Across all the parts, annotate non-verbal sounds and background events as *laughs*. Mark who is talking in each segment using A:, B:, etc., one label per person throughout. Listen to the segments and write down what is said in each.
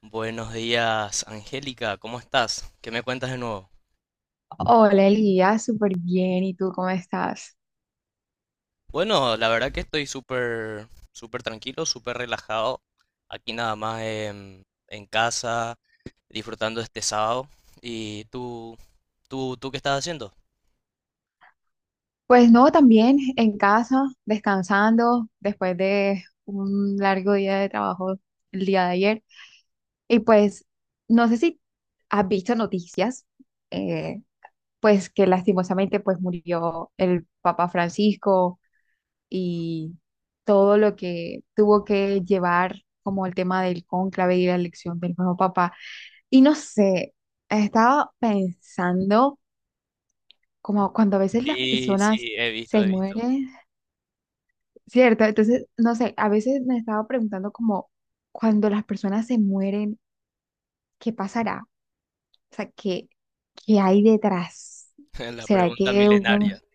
A: Buenos días, Angélica, ¿cómo estás? ¿Qué me cuentas de nuevo?
B: Hola Elías, súper bien. ¿Y tú cómo estás?
A: Bueno, la verdad que estoy súper, súper tranquilo, súper relajado. Aquí nada más en casa, disfrutando este sábado. ¿Y tú, tú qué estás haciendo?
B: Pues no, también en casa, descansando después de un largo día de trabajo el día de ayer. Y pues no sé si has visto noticias, eh, pues que lastimosamente pues murió el Papa Francisco y todo lo que tuvo que llevar como el tema del cónclave y la elección del nuevo Papa. Y no sé, estaba pensando, como cuando a veces las
A: Sí,
B: personas
A: sí,
B: se
A: he visto.
B: mueren, ¿cierto? Entonces, no sé, a veces me estaba preguntando como, cuando las personas se mueren, ¿qué pasará? O sea, ¿qué hay detrás?
A: *laughs* La
B: ¿Será
A: pregunta
B: que uno...
A: milenaria.
B: *laughs*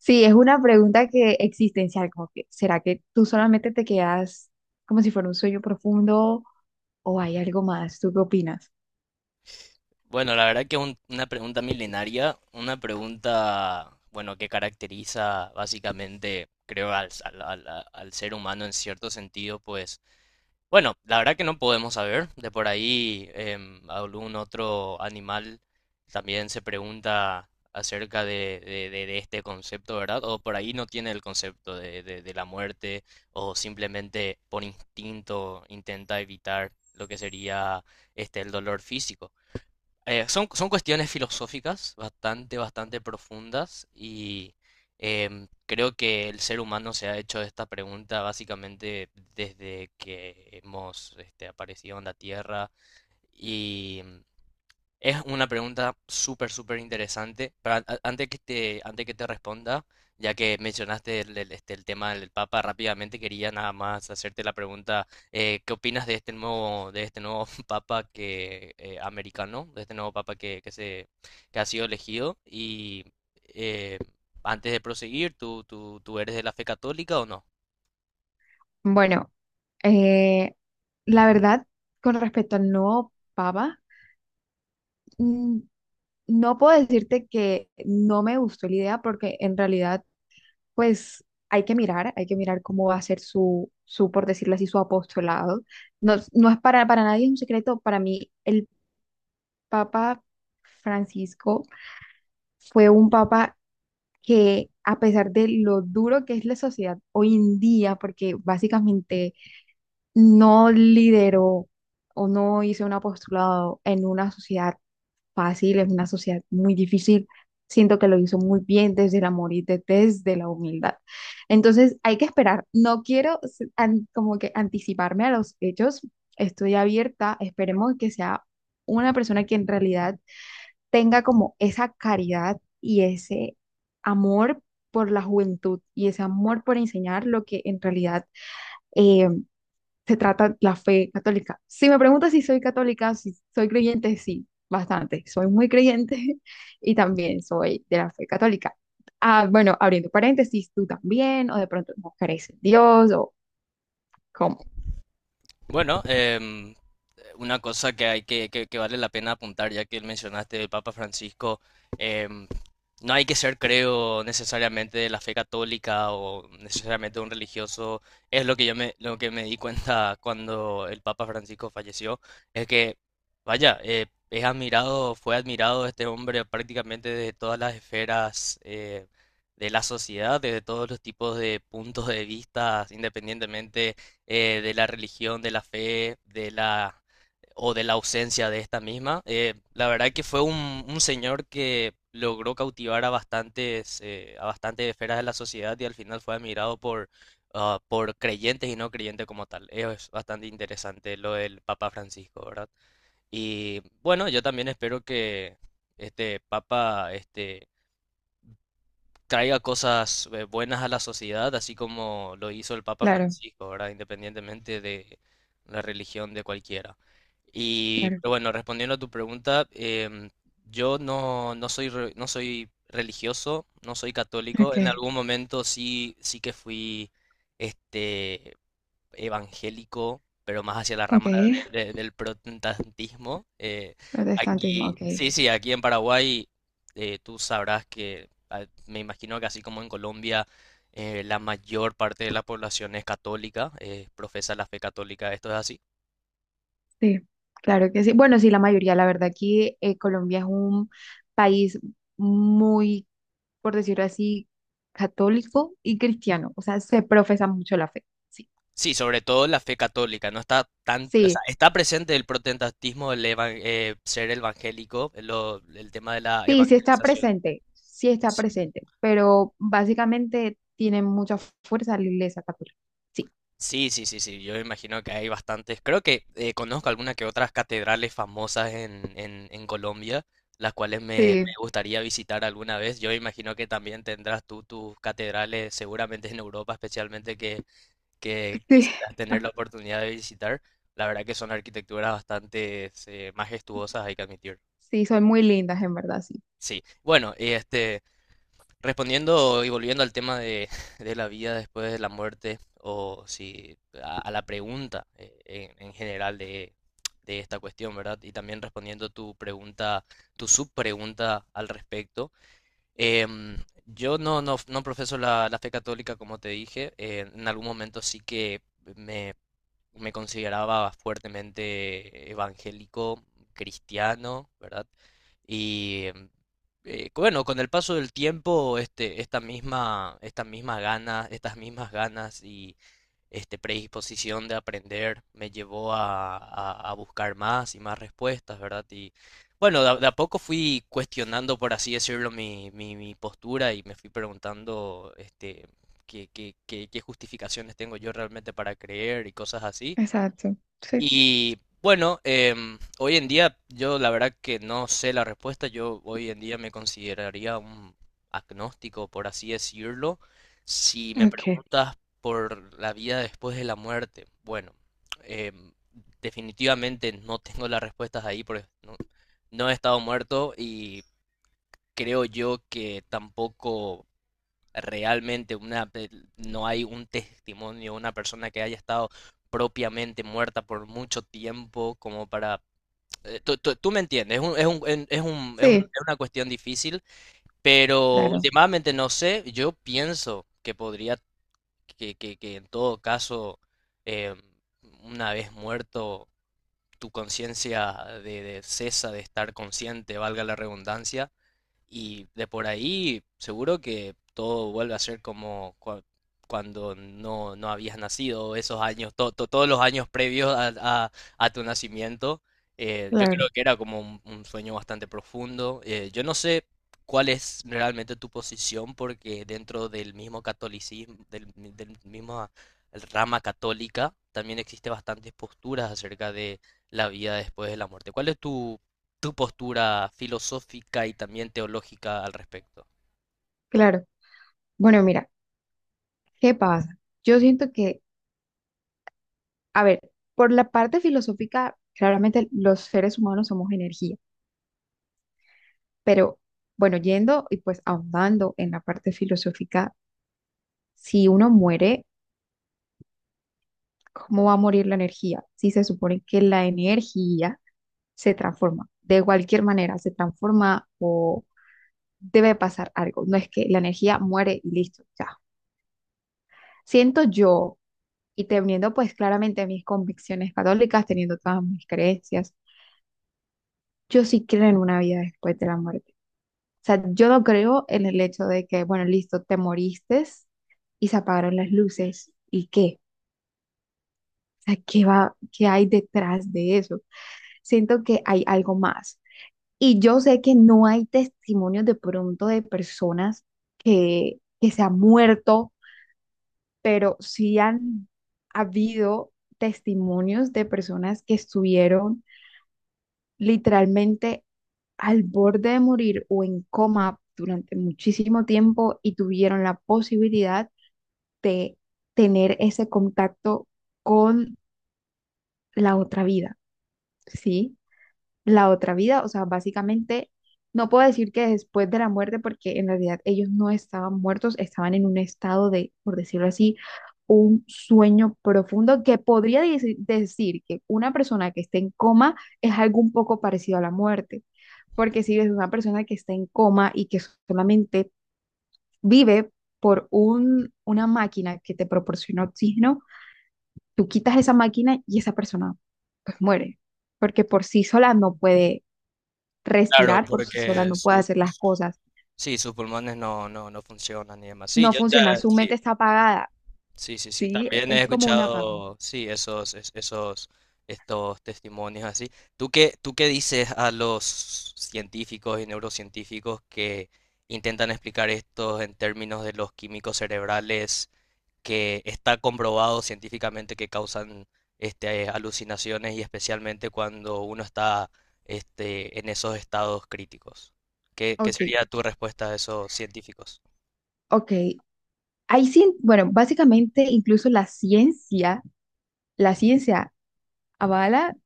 B: Sí, es una pregunta que existencial, como que, ¿será que tú solamente te quedas como si fuera un sueño profundo o hay algo más? ¿Tú qué opinas?
A: Bueno, la verdad que una pregunta milenaria, una pregunta, bueno, que caracteriza básicamente, creo, al ser humano en cierto sentido, pues bueno, la verdad que no podemos saber. De por ahí algún otro animal también se pregunta acerca de, de este concepto, ¿verdad? O por ahí no tiene el concepto de, de la muerte o simplemente por instinto intenta evitar lo que sería este el dolor físico. Son, son cuestiones filosóficas bastante, bastante profundas y creo que el ser humano se ha hecho esta pregunta básicamente desde que hemos este, aparecido en la Tierra. Es una pregunta súper, súper interesante. Pero antes que antes que te responda, ya que mencionaste este, el tema del Papa, rápidamente quería nada más hacerte la pregunta, ¿qué opinas de este nuevo *laughs* Papa que, americano, de este nuevo Papa que se, que ha sido elegido? Y eh, antes de proseguir, tú eres de la fe católica o no?
B: Bueno, eh, la verdad, con respecto al nuevo papa, mm, no puedo decirte que no me gustó la idea porque en realidad, pues hay que mirar cómo va a ser su, por decirlo así, su apostolado. No, para nadie es un secreto, para mí el Papa Francisco fue un papa que, a pesar de lo duro que es la sociedad hoy en día, porque básicamente no lideró o no hizo un apostolado en una sociedad fácil, es una sociedad muy difícil. Siento que lo hizo muy bien desde el amor y desde la humildad. Entonces hay que esperar. No quiero como que anticiparme a los hechos. Estoy abierta. Esperemos que sea una persona que en realidad tenga como esa caridad y ese amor por la juventud y ese amor por enseñar lo que en realidad eh, se trata la fe católica. Si me preguntas si soy católica, si soy creyente, sí, bastante. Soy muy creyente *laughs* y también soy de la fe católica. Ah, bueno, abriendo paréntesis, ¿tú también, o de pronto no crees en Dios, o cómo?
A: Bueno, una cosa que hay que, que vale la pena apuntar, ya que mencionaste del Papa Francisco, em, no hay que ser, creo, necesariamente de la fe católica o necesariamente un religioso. Es lo que lo que me di cuenta cuando el Papa Francisco falleció, es que, vaya, es admirado, fue admirado este hombre prácticamente desde todas las esferas de la sociedad, desde todos los tipos de puntos de vista, independientemente de la religión, de la fe, de la o de la ausencia de esta misma. La verdad que fue un señor que logró cautivar a bastantes esferas de la sociedad y al final fue admirado por, ah, por creyentes y no creyentes como tal. Es bastante interesante lo del Papa Francisco, ¿verdad? Y bueno, yo también espero que este Papa este, traiga cosas buenas a la sociedad, así como lo hizo el Papa
B: Claro,
A: Francisco, ¿verdad? Independientemente de la religión de cualquiera. Y
B: claro.
A: pero bueno, respondiendo a tu pregunta, yo no, no soy, no soy religioso, no soy católico.
B: Ok,
A: En algún momento sí, sí que fui este, evangélico, pero más hacia la
B: ok.
A: rama del protestantismo.
B: Protestantismo,
A: Aquí,
B: ok.
A: sí, sí, aquí en Paraguay tú sabrás que ah, me imagino que así como en Colombia la mayor parte de la población es católica, profesa la fe católica, esto es así.
B: Sí, claro que sí. Bueno, sí, la mayoría, la verdad, aquí Colombia es un país muy, por decirlo así, católico y cristiano. O sea, se profesa mucho la fe. Sí,
A: Sí, sobre todo la fe católica, no está tan, o sea,
B: sí.
A: está presente el protestantismo, ser evangélico, el tema de la
B: Sí,
A: evangelización.
B: sí está presente, pero básicamente tiene mucha fuerza la iglesia católica. Sí.
A: Sí, sí, sí, sí, yo me imagino que hay bastantes. Creo que conozco algunas que otras catedrales famosas en Colombia, las cuales me
B: Sí,
A: gustaría visitar alguna vez. Yo me imagino que también tendrás tú tus catedrales, seguramente en Europa especialmente, que
B: sí,
A: quisieras tener la oportunidad de visitar. La verdad que son arquitecturas bastante majestuosas, hay que admitir.
B: sí, son muy lindas en verdad, sí.
A: Sí, bueno, y este, respondiendo y volviendo al tema de, *laughs* de la vida después de la muerte, o si a, a la pregunta en general de esta cuestión, ¿verdad? Y también respondiendo tu pregunta, tu subpregunta al respecto. em, yo no, no, no profeso la, la fe católica, como te dije. En algún momento sí que me me consideraba fuertemente evangélico, cristiano, ¿verdad? Y bueno, con el paso del tiempo, este, esta misma, estas mismas ganas y este predisposición de aprender me llevó a, a buscar más y más respuestas, ¿verdad? Y bueno, de a poco fui cuestionando, por así decirlo, mi postura y me fui preguntando, este, qué justificaciones tengo yo realmente para creer y cosas así.
B: Exacto. Sí,
A: Y bueno, hoy en día yo la verdad que no sé la respuesta. Yo hoy en día me consideraría un agnóstico, por así decirlo. Si me
B: ok.
A: preguntas por la vida después de la muerte, bueno, em, definitivamente no tengo las respuestas ahí porque no, no he estado muerto y creo yo que tampoco realmente no hay un testimonio, una persona que haya estado propiamente muerta por mucho tiempo, como para... Tú, tú me entiendes, es un- en- es un- es un-
B: Sí,
A: es una cuestión difícil, pero
B: claro.
A: últimamente no sé, yo pienso que podría, que, que en todo caso, eh, una vez muerto, tu conciencia de cesa de estar consciente, valga la redundancia, y de por ahí, seguro que todo vuelve a ser como cuando no, no habías nacido, esos años, todos los años previos a, a- a tu nacimiento. Yo
B: Claro,
A: creo que era como un sueño bastante profundo. Yo no sé cuál es realmente tu posición, porque dentro del mismo catolicismo, del mismo rama católica, también existe bastantes posturas acerca de la vida después de la muerte. ¿Cuál es tu tu postura filosófica y también teológica al respecto?
B: claro. Bueno, mira, ¿qué pasa? Yo siento que, a ver, por la parte filosófica, claramente los seres humanos somos energía, pero bueno, yendo y pues ahondando en la parte filosófica, si uno muere, ¿cómo va a morir la energía? Si se supone que la energía se transforma, de cualquier manera se transforma o debe pasar algo. No es que la energía muere y listo, ya. Siento yo, y teniendo pues claramente mis convicciones católicas, teniendo todas mis creencias, yo sí creo en una vida después de la muerte. O sea, yo no creo en el hecho de que, bueno, listo, te moriste y se apagaron las luces. ¿Y qué? O sea, ¿qué hay detrás de eso? Siento que hay algo más. Y yo sé que no hay testimonios de pronto de personas que se han muerto, pero sí han habido testimonios de personas que estuvieron literalmente al borde de morir o en coma durante muchísimo tiempo y tuvieron la posibilidad de tener ese contacto con la otra vida, ¿sí? La otra vida, o sea, básicamente no puedo decir que después de la muerte, porque en realidad ellos no estaban muertos, estaban en un estado de, por decirlo así, un sueño profundo que podría decir que una persona que esté en coma es algo un poco parecido a la muerte, porque si ves una persona que está en coma y que solamente vive por una máquina que te proporciona oxígeno, tú quitas esa máquina y esa persona pues muere, porque por sí sola no puede
A: Claro,
B: respirar, por sí sola
A: porque
B: no puede
A: sus,
B: hacer las cosas,
A: sí, sus pulmones no, no, no funcionan y demás. Sí,
B: no
A: yo
B: funciona,
A: ya,
B: su
A: sí,
B: mente está apagada,
A: sí, sí, sí.
B: ¿sí?
A: También he
B: Es como un apagón.
A: escuchado, sí, esos, esos, estos testimonios así. Tú qué dices a los científicos y neurocientíficos que intentan explicar esto en términos de los químicos cerebrales, que está comprobado científicamente que causan este, alucinaciones y especialmente cuando uno está este, en esos estados críticos? Qué
B: Ok,
A: sería tu respuesta a esos científicos?
B: ok. Ahí sí bueno, básicamente incluso la ciencia avala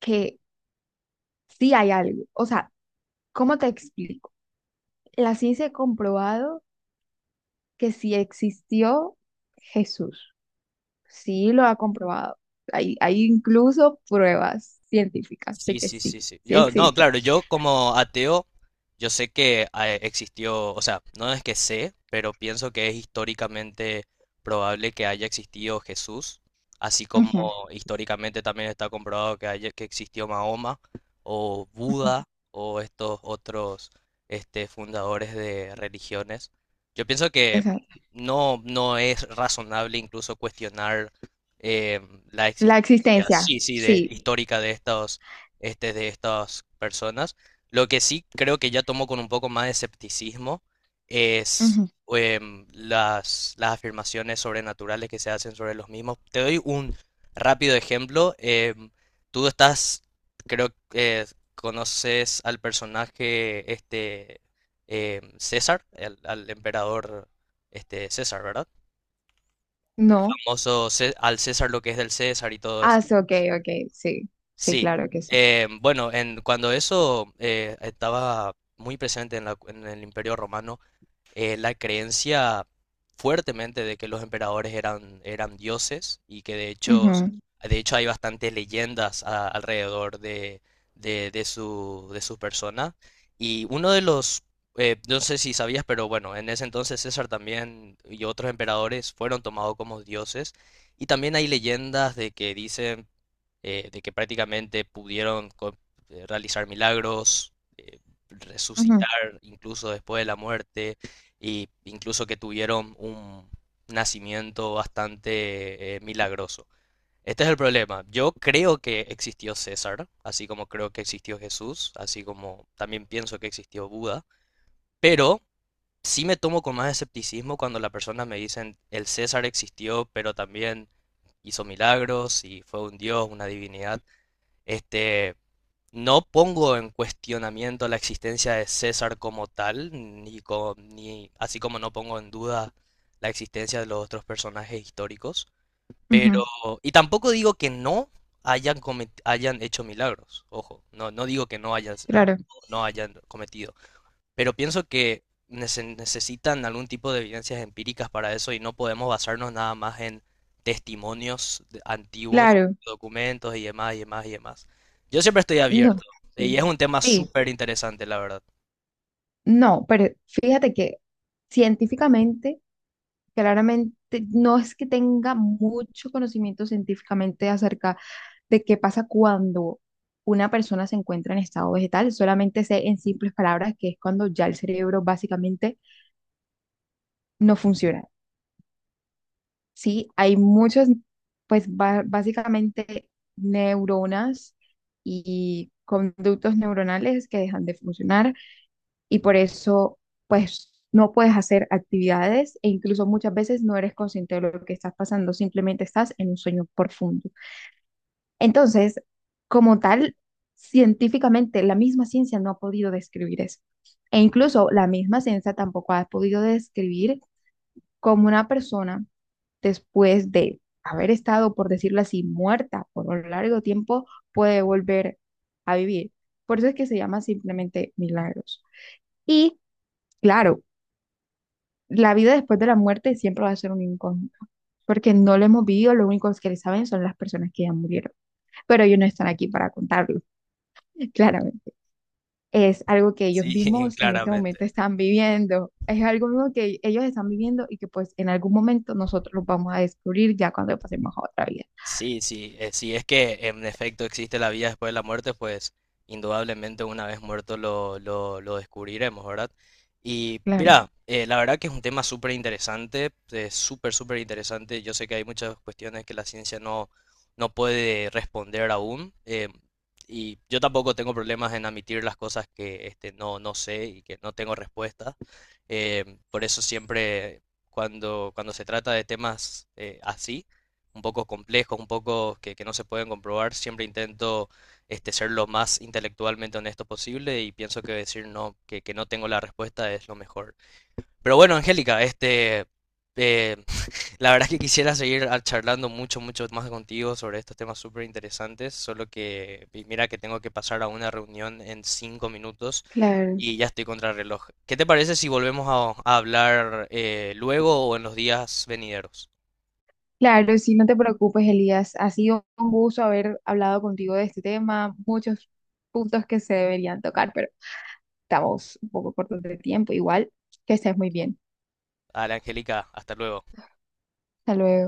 B: que sí hay algo. O sea, ¿cómo te explico? La ciencia ha comprobado que sí existió Jesús, sí lo ha comprobado. Hay incluso pruebas científicas de
A: Sí,
B: que
A: sí,
B: sí,
A: sí, sí.
B: sí
A: Yo, no,
B: existe.
A: claro, yo como ateo, yo sé que ah, existió, o sea, no es que sé, pero pienso que es históricamente probable que haya existido Jesús, así como
B: Ujú,
A: históricamente también está comprobado que haya, que existió Mahoma o
B: ujú,
A: Buda o estos otros este, fundadores de religiones. Yo pienso que
B: exacto.
A: no, no es razonable incluso cuestionar eh, la
B: La
A: existencia,
B: existencia,
A: sí, sí, de,
B: sí.
A: histórica de estos este, de estas personas. Lo que sí creo que ya tomo con un poco más de escepticismo es
B: Ujú.
A: las afirmaciones sobrenaturales que se hacen sobre los mismos. Te doy un rápido ejemplo. Tú estás, creo que conoces al personaje este César, al emperador este César, ¿verdad?
B: No.
A: Famoso al César lo que es del César y todo.
B: Ah, sí, ok, ok, sí. Sí,
A: Sí,
B: claro que sí.
A: bueno, en, cuando eso estaba muy presente en el Imperio Romano, la creencia fuertemente de que los emperadores eran, eran dioses y que
B: Ujú,
A: de hecho hay bastantes leyendas alrededor de, de su persona. Y no sé si sabías, pero bueno, en ese entonces César también y otros emperadores fueron tomados como dioses. Y también hay leyendas de que dicen de que prácticamente pudieron realizar milagros, resucitar
B: ujú,
A: incluso después de la muerte, y incluso que tuvieron un nacimiento bastante milagroso. Este es el problema. Yo creo que existió César, así como creo que existió Jesús, así como también pienso que existió Buda, pero sí me tomo con más escepticismo cuando las personas me dicen el César existió, pero también hizo milagros y fue un dios, una divinidad. Este, no pongo en cuestionamiento la existencia de César como tal, ni, ni así como no pongo en duda la existencia de los otros personajes históricos,
B: ujú.
A: pero y tampoco digo que no hayan hecho milagros. Ojo, no no digo que no
B: Claro,
A: no hayan cometido, pero pienso que necesitan algún tipo de evidencias empíricas para eso y no podemos basarnos nada más en testimonios antiguos,
B: claro.
A: documentos y demás y demás y demás. Yo siempre estoy abierto
B: No,
A: y
B: sí.
A: es un tema
B: Sí,
A: súper interesante, la verdad.
B: no, pero fíjate que científicamente, claramente, no es que tenga mucho conocimiento científicamente acerca de qué pasa cuando una persona se encuentra en estado vegetal. Solamente sé en simples palabras que es cuando ya el cerebro básicamente no funciona. Sí, hay muchas, pues básicamente neuronas y conductos neuronales que dejan de funcionar y por eso pues no puedes hacer actividades e incluso muchas veces no eres consciente de lo que estás pasando, simplemente estás en un sueño profundo. Entonces, como tal, científicamente la misma ciencia no ha podido describir eso. E incluso la misma ciencia tampoco ha podido describir como una persona, después de haber estado, por decirlo así, muerta por un largo tiempo, puede volver a vivir. Por eso es que se llama simplemente milagros. Y claro, la vida después de la muerte siempre va a ser un incógnito, porque no lo hemos vivido, lo único que saben son las personas que ya murieron, pero ellos no están aquí para contarlo, *laughs* claramente. Es algo que ellos
A: Sí, *laughs*
B: mismos en ese momento
A: claramente.
B: están viviendo. Es algo mismo que ellos están viviendo y que pues en algún momento nosotros lo vamos a descubrir ya cuando pasemos a otra vida.
A: Sí, sí, si es que en efecto existe la vida después de la muerte, pues indudablemente una vez muerto lo descubriremos, ¿verdad? Y
B: Claro.
A: mira, la verdad que es un tema súper interesante, súper, súper interesante. Yo sé que hay muchas cuestiones que la ciencia no, no puede responder aún. Y yo tampoco tengo problemas en admitir las cosas que este, no, no sé y que no tengo respuesta. Por eso siempre cuando se trata de temas así un poco complejos, un poco que no se pueden comprobar, siempre intento este, ser lo más intelectualmente honesto posible y pienso que decir no, que no tengo la respuesta es lo mejor. Pero bueno, Angélica, este, eh, *laughs* la verdad es que quisiera seguir ah, charlando mucho, mucho más contigo sobre estos temas súper interesantes, solo que mira que tengo que pasar a una reunión en 5 minutos
B: Claro.
A: y ya estoy contra el reloj. ¿Qué te parece si volvemos a hablar luego o en los días venideros?
B: Claro, sí, no te preocupes, Elías. Ha sido un gusto haber hablado contigo de este tema, muchos puntos que se deberían tocar, pero estamos un poco cortos de tiempo. Igual, que estés muy bien.
A: Dale, Angélica, hasta luego.
B: Hasta luego.